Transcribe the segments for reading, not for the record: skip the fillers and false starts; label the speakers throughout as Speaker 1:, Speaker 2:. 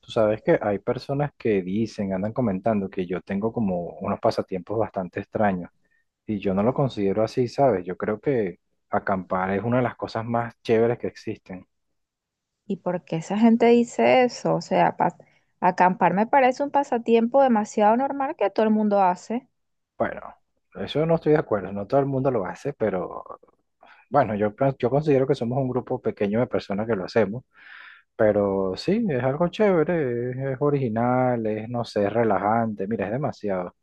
Speaker 1: Tú sabes que hay personas que dicen, andan comentando que yo tengo como unos pasatiempos bastante extraños y yo no lo considero así, ¿sabes? Yo creo que acampar es una de las cosas más chéveres que existen.
Speaker 2: ¿Y por qué esa gente dice eso? O sea, acampar me parece un pasatiempo demasiado normal que todo el mundo hace.
Speaker 1: Bueno, eso no estoy de acuerdo, no todo el mundo lo hace, pero bueno, yo, yo considero que somos un grupo pequeño de personas que lo hacemos, pero sí, es algo chévere, es original, es, no sé, es relajante, mira, es demasiado.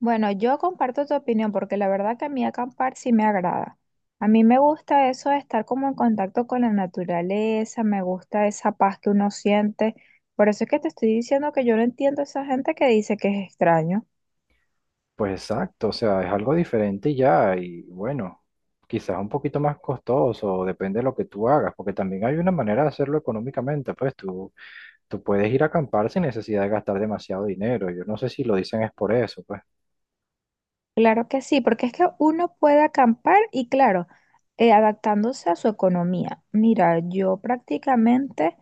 Speaker 2: Bueno, yo comparto tu opinión porque la verdad que a mí acampar sí me agrada. A mí me gusta eso de estar como en contacto con la naturaleza, me gusta esa paz que uno siente. Por eso es que te estoy diciendo que yo no entiendo a esa gente que dice que es extraño.
Speaker 1: Pues exacto, o sea, es algo diferente y ya, y bueno, quizás un poquito más costoso, depende de lo que tú hagas, porque también hay una manera de hacerlo económicamente, pues tú puedes ir a acampar sin necesidad de gastar demasiado dinero, yo no sé si lo dicen es por eso, pues.
Speaker 2: Claro que sí, porque es que uno puede acampar y claro, adaptándose a su economía. Mira, yo prácticamente,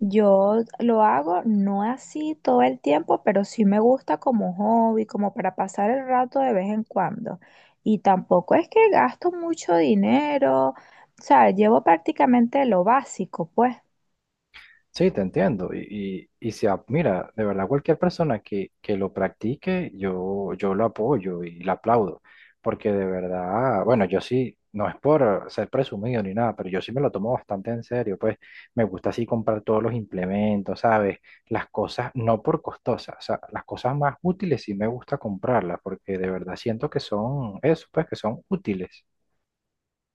Speaker 2: yo lo hago no así todo el tiempo, pero sí me gusta como hobby, como para pasar el rato de vez en cuando. Y tampoco es que gasto mucho dinero, o sea, llevo prácticamente lo básico, pues.
Speaker 1: Sí, te entiendo. Y si, mira, de verdad, cualquier persona que lo practique, yo lo apoyo y lo aplaudo. Porque de verdad, bueno, yo sí, no es por ser presumido ni nada, pero yo sí me lo tomo bastante en serio. Pues me gusta así comprar todos los implementos, ¿sabes? Las cosas, no por costosas, o sea, las cosas más útiles sí me gusta comprarlas, porque de verdad siento que son eso, pues que son útiles.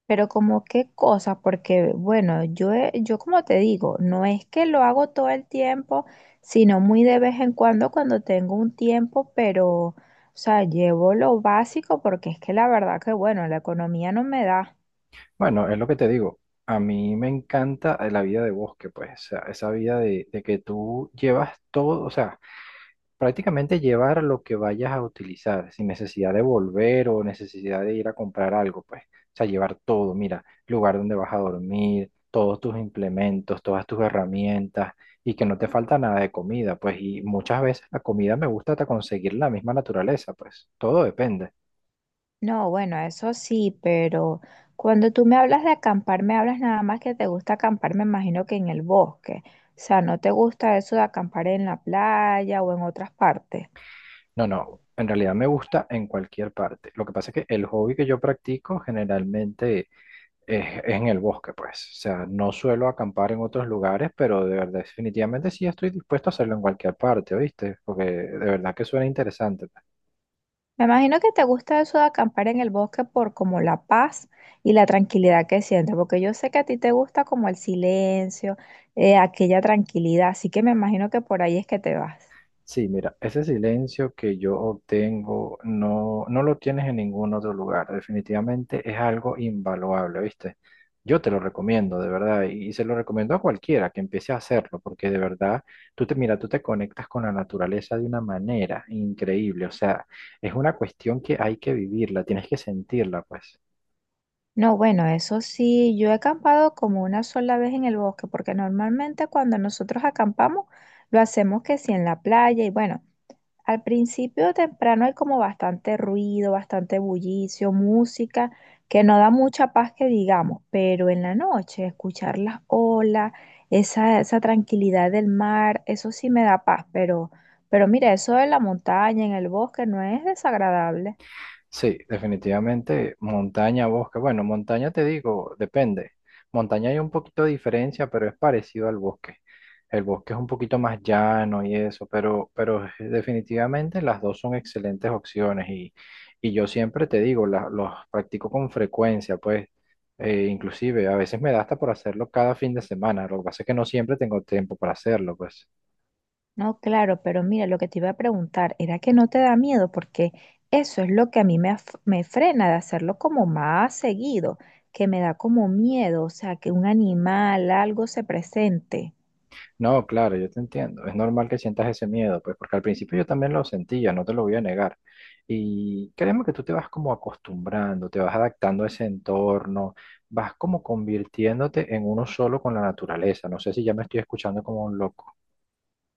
Speaker 2: Pero como qué cosa, porque bueno, yo como te digo, no es que lo hago todo el tiempo, sino muy de vez en cuando cuando tengo un tiempo, pero, o sea, llevo lo básico porque es que la verdad que bueno, la economía no me da.
Speaker 1: Bueno, es lo que te digo. A mí me encanta la vida de bosque, pues, o sea, esa vida de que tú llevas todo, o sea, prácticamente llevar lo que vayas a utilizar, sin necesidad de volver o necesidad de ir a comprar algo, pues, o sea, llevar todo, mira, lugar donde vas a dormir, todos tus implementos, todas tus herramientas y que no te falta nada de comida, pues, y muchas veces la comida me gusta hasta conseguir en la misma naturaleza, pues, todo depende.
Speaker 2: No, bueno, eso sí, pero cuando tú me hablas de acampar, me hablas nada más que te gusta acampar, me imagino que en el bosque. O sea, ¿no te gusta eso de acampar en la playa o en otras partes?
Speaker 1: No, no, en realidad me gusta en cualquier parte. Lo que pasa es que el hobby que yo practico generalmente es en el bosque, pues. O sea, no suelo acampar en otros lugares, pero de verdad, definitivamente sí estoy dispuesto a hacerlo en cualquier parte, ¿oíste? Porque de verdad que suena interesante.
Speaker 2: Me imagino que te gusta eso de acampar en el bosque por como la paz y la tranquilidad que sientes, porque yo sé que a ti te gusta como el silencio, aquella tranquilidad, así que me imagino que por ahí es que te vas.
Speaker 1: Sí, mira, ese silencio que yo obtengo no, no lo tienes en ningún otro lugar. Definitivamente es algo invaluable, ¿viste? Yo te lo recomiendo, de verdad, y se lo recomiendo a cualquiera que empiece a hacerlo, porque de verdad, tú te, mira, tú te conectas con la naturaleza de una manera increíble. O sea, es una cuestión que hay que vivirla, tienes que sentirla, pues.
Speaker 2: No, bueno, eso sí, yo he acampado como una sola vez en el bosque, porque normalmente cuando nosotros acampamos lo hacemos que sí en la playa y bueno. Al principio temprano hay como bastante ruido, bastante bullicio, música, que no da mucha paz que digamos, pero en la noche escuchar las olas, esa tranquilidad del mar, eso sí me da paz, pero mira, eso de la montaña, en el bosque, no es desagradable.
Speaker 1: Sí, definitivamente montaña, bosque. Bueno, montaña te digo, depende. Montaña hay un poquito de diferencia, pero es parecido al bosque. El bosque es un poquito más llano y eso, pero definitivamente las dos son excelentes opciones y yo siempre te digo, los practico con frecuencia, pues inclusive a veces me da hasta por hacerlo cada fin de semana. Lo que pasa es que no siempre tengo tiempo para hacerlo, pues.
Speaker 2: No, claro, pero mira, lo que te iba a preguntar era que no te da miedo, porque eso es lo que a mí me frena de hacerlo como más seguido, que me da como miedo, o sea, que un animal, algo se presente.
Speaker 1: No, claro, yo te entiendo. Es normal que sientas ese miedo, pues porque al principio yo también lo sentía, no te lo voy a negar. Y créeme que tú te vas como acostumbrando, te vas adaptando a ese entorno, vas como convirtiéndote en uno solo con la naturaleza. No sé si ya me estoy escuchando como loco.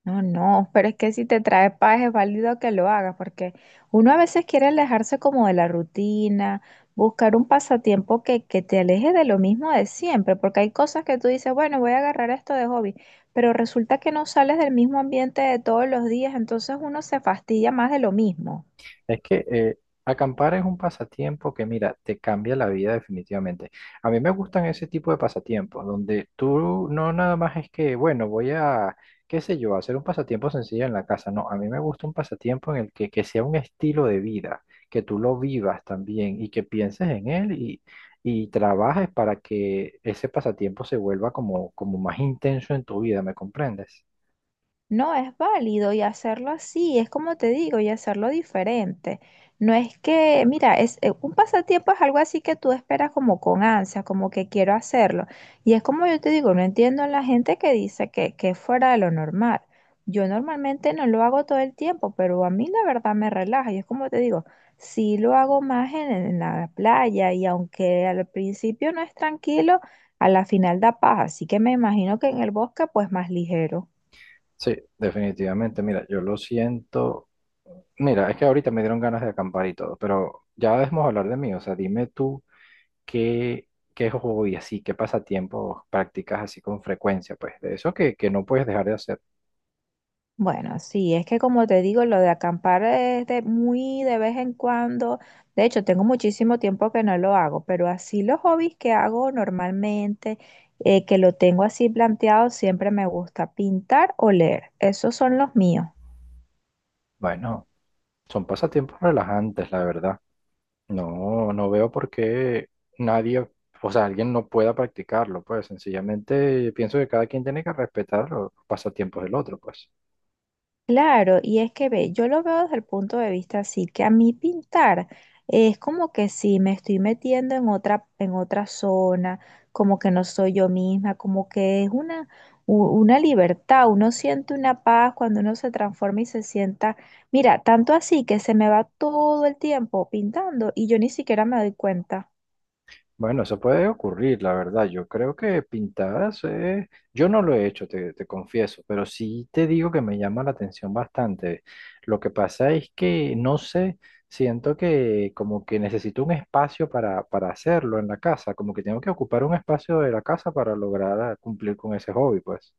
Speaker 2: No, no, pero es que si te trae paz es válido que lo hagas, porque uno a veces quiere alejarse como de la rutina, buscar un pasatiempo que te aleje de lo mismo de siempre, porque hay cosas que tú dices, bueno, voy a agarrar esto de hobby, pero resulta que no sales del mismo ambiente de todos los días, entonces uno se fastidia más de lo mismo.
Speaker 1: Es que acampar es un pasatiempo que, mira, te cambia la vida definitivamente. A mí me gustan ese tipo de pasatiempos, donde tú no nada más es que, bueno, voy a, qué sé yo, hacer un pasatiempo sencillo en la casa. No, a mí me gusta un pasatiempo en el que sea un estilo de vida, que tú lo vivas también y que pienses en él y trabajes para que ese pasatiempo se vuelva como, como más intenso en tu vida, ¿me comprendes?
Speaker 2: No, es válido y hacerlo así, es como te digo, y hacerlo diferente. No es que, mira, es un pasatiempo es algo así que tú esperas como con ansia, como que quiero hacerlo. Y es como yo te digo, no entiendo a la gente que dice que es fuera de lo normal. Yo normalmente no lo hago todo el tiempo, pero a mí la verdad me relaja. Y es como te digo, sí lo hago más en la playa y aunque al principio no es tranquilo, a la final da paz. Así que me imagino que en el bosque pues más ligero.
Speaker 1: Sí, definitivamente. Mira, yo lo siento. Mira, es que ahorita me dieron ganas de acampar y todo, pero ya debemos hablar de mí. O sea, dime tú qué, qué hobby así, qué pasatiempos practicas así con frecuencia, pues, de eso que no puedes dejar de hacer.
Speaker 2: Bueno, sí, es que como te digo, lo de acampar es de muy de vez en cuando. De hecho, tengo muchísimo tiempo que no lo hago, pero así los hobbies que hago normalmente, que lo tengo así planteado, siempre me gusta pintar o leer. Esos son los míos.
Speaker 1: Bueno, son pasatiempos relajantes, la verdad. No, no veo por qué nadie, o sea, alguien no pueda practicarlo, pues, sencillamente pienso que cada quien tiene que respetar los pasatiempos del otro, pues.
Speaker 2: Claro, y es que ve, yo lo veo desde el punto de vista así, que a mí pintar es como que sí, me estoy metiendo en otra zona, como que no soy yo misma, como que es una, una libertad, uno siente una paz cuando uno se transforma y se sienta, mira, tanto así que se me va todo el tiempo pintando y yo ni siquiera me doy cuenta.
Speaker 1: Bueno, eso puede ocurrir, la verdad. Yo creo que pintadas, yo no lo he hecho, te confieso, pero sí te digo que me llama la atención bastante. Lo que pasa es que, no sé, siento que como que necesito un espacio para hacerlo en la casa, como que tengo que ocupar un espacio de la casa para lograr cumplir con ese hobby, pues.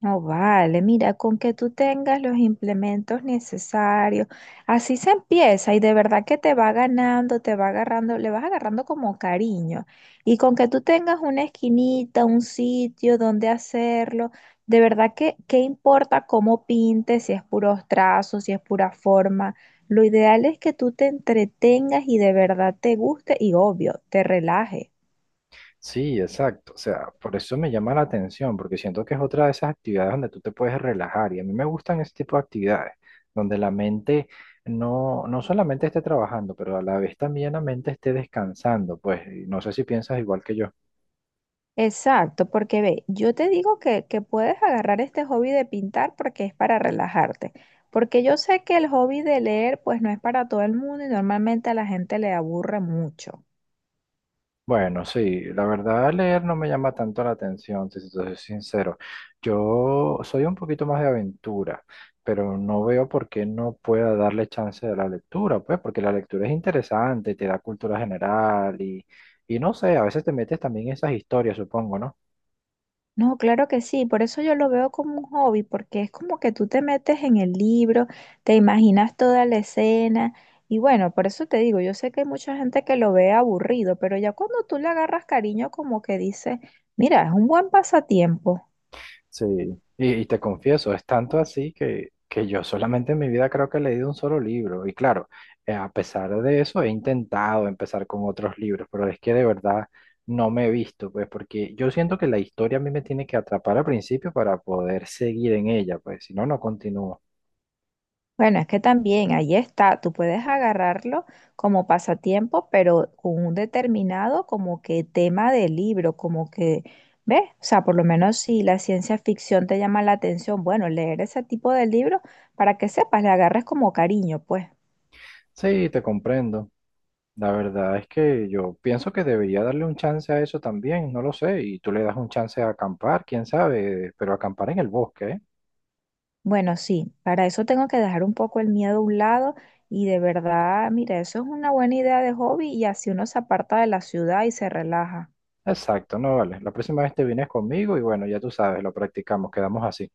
Speaker 2: No vale, mira, con que tú tengas los implementos necesarios, así se empieza y de verdad que te va ganando, te va agarrando, le vas agarrando como cariño. Y con que tú tengas una esquinita, un sitio donde hacerlo, de verdad que, ¿qué importa cómo pintes, si es puros trazos, si es pura forma? Lo ideal es que tú te entretengas y de verdad te guste y obvio, te relajes.
Speaker 1: Sí, exacto. O sea, por eso me llama la atención, porque siento que es otra de esas actividades donde tú te puedes relajar. Y a mí me gustan ese tipo de actividades, donde la mente no, no solamente esté trabajando, pero a la vez también la mente esté descansando. Pues y no sé si piensas igual que yo.
Speaker 2: Exacto, porque ve, yo te digo que puedes agarrar este hobby de pintar porque es para relajarte, porque yo sé que el hobby de leer pues no es para todo el mundo y normalmente a la gente le aburre mucho.
Speaker 1: Bueno, sí, la verdad leer no me llama tanto la atención, si te soy sincero. Yo soy un poquito más de aventura, pero no veo por qué no pueda darle chance a la lectura, pues porque la lectura es interesante, te da cultura general y no sé, a veces te metes también en esas historias, supongo, ¿no?
Speaker 2: No, claro que sí, por eso yo lo veo como un hobby, porque es como que tú te metes en el libro, te imaginas toda la escena y bueno, por eso te digo, yo sé que hay mucha gente que lo ve aburrido, pero ya cuando tú le agarras cariño como que dices, mira, es un buen pasatiempo.
Speaker 1: Sí, y te confieso, es tanto así que yo solamente en mi vida creo que he leído un solo libro. Y claro, a pesar de eso he intentado empezar con otros libros, pero es que de verdad no me he visto, pues porque yo siento que la historia a mí me tiene que atrapar al principio para poder seguir en ella, pues si no, no continúo.
Speaker 2: Bueno, es que también ahí está, tú puedes agarrarlo como pasatiempo, pero con un determinado como que tema de libro, como que, ¿ves? O sea, por lo menos si la ciencia ficción te llama la atención, bueno, leer ese tipo de libro para que sepas, le agarres como cariño, pues.
Speaker 1: Sí, te comprendo. La verdad es que yo pienso que debería darle un chance a eso también, no lo sé, y tú le das un chance a acampar, quién sabe, pero acampar en el bosque, ¿eh?
Speaker 2: Bueno, sí, para eso tengo que dejar un poco el miedo a un lado y de verdad, mira, eso es una buena idea de hobby y así uno se aparta de la ciudad y se relaja.
Speaker 1: Exacto, no vale. La próxima vez te vienes conmigo y bueno, ya tú sabes, lo practicamos, quedamos así.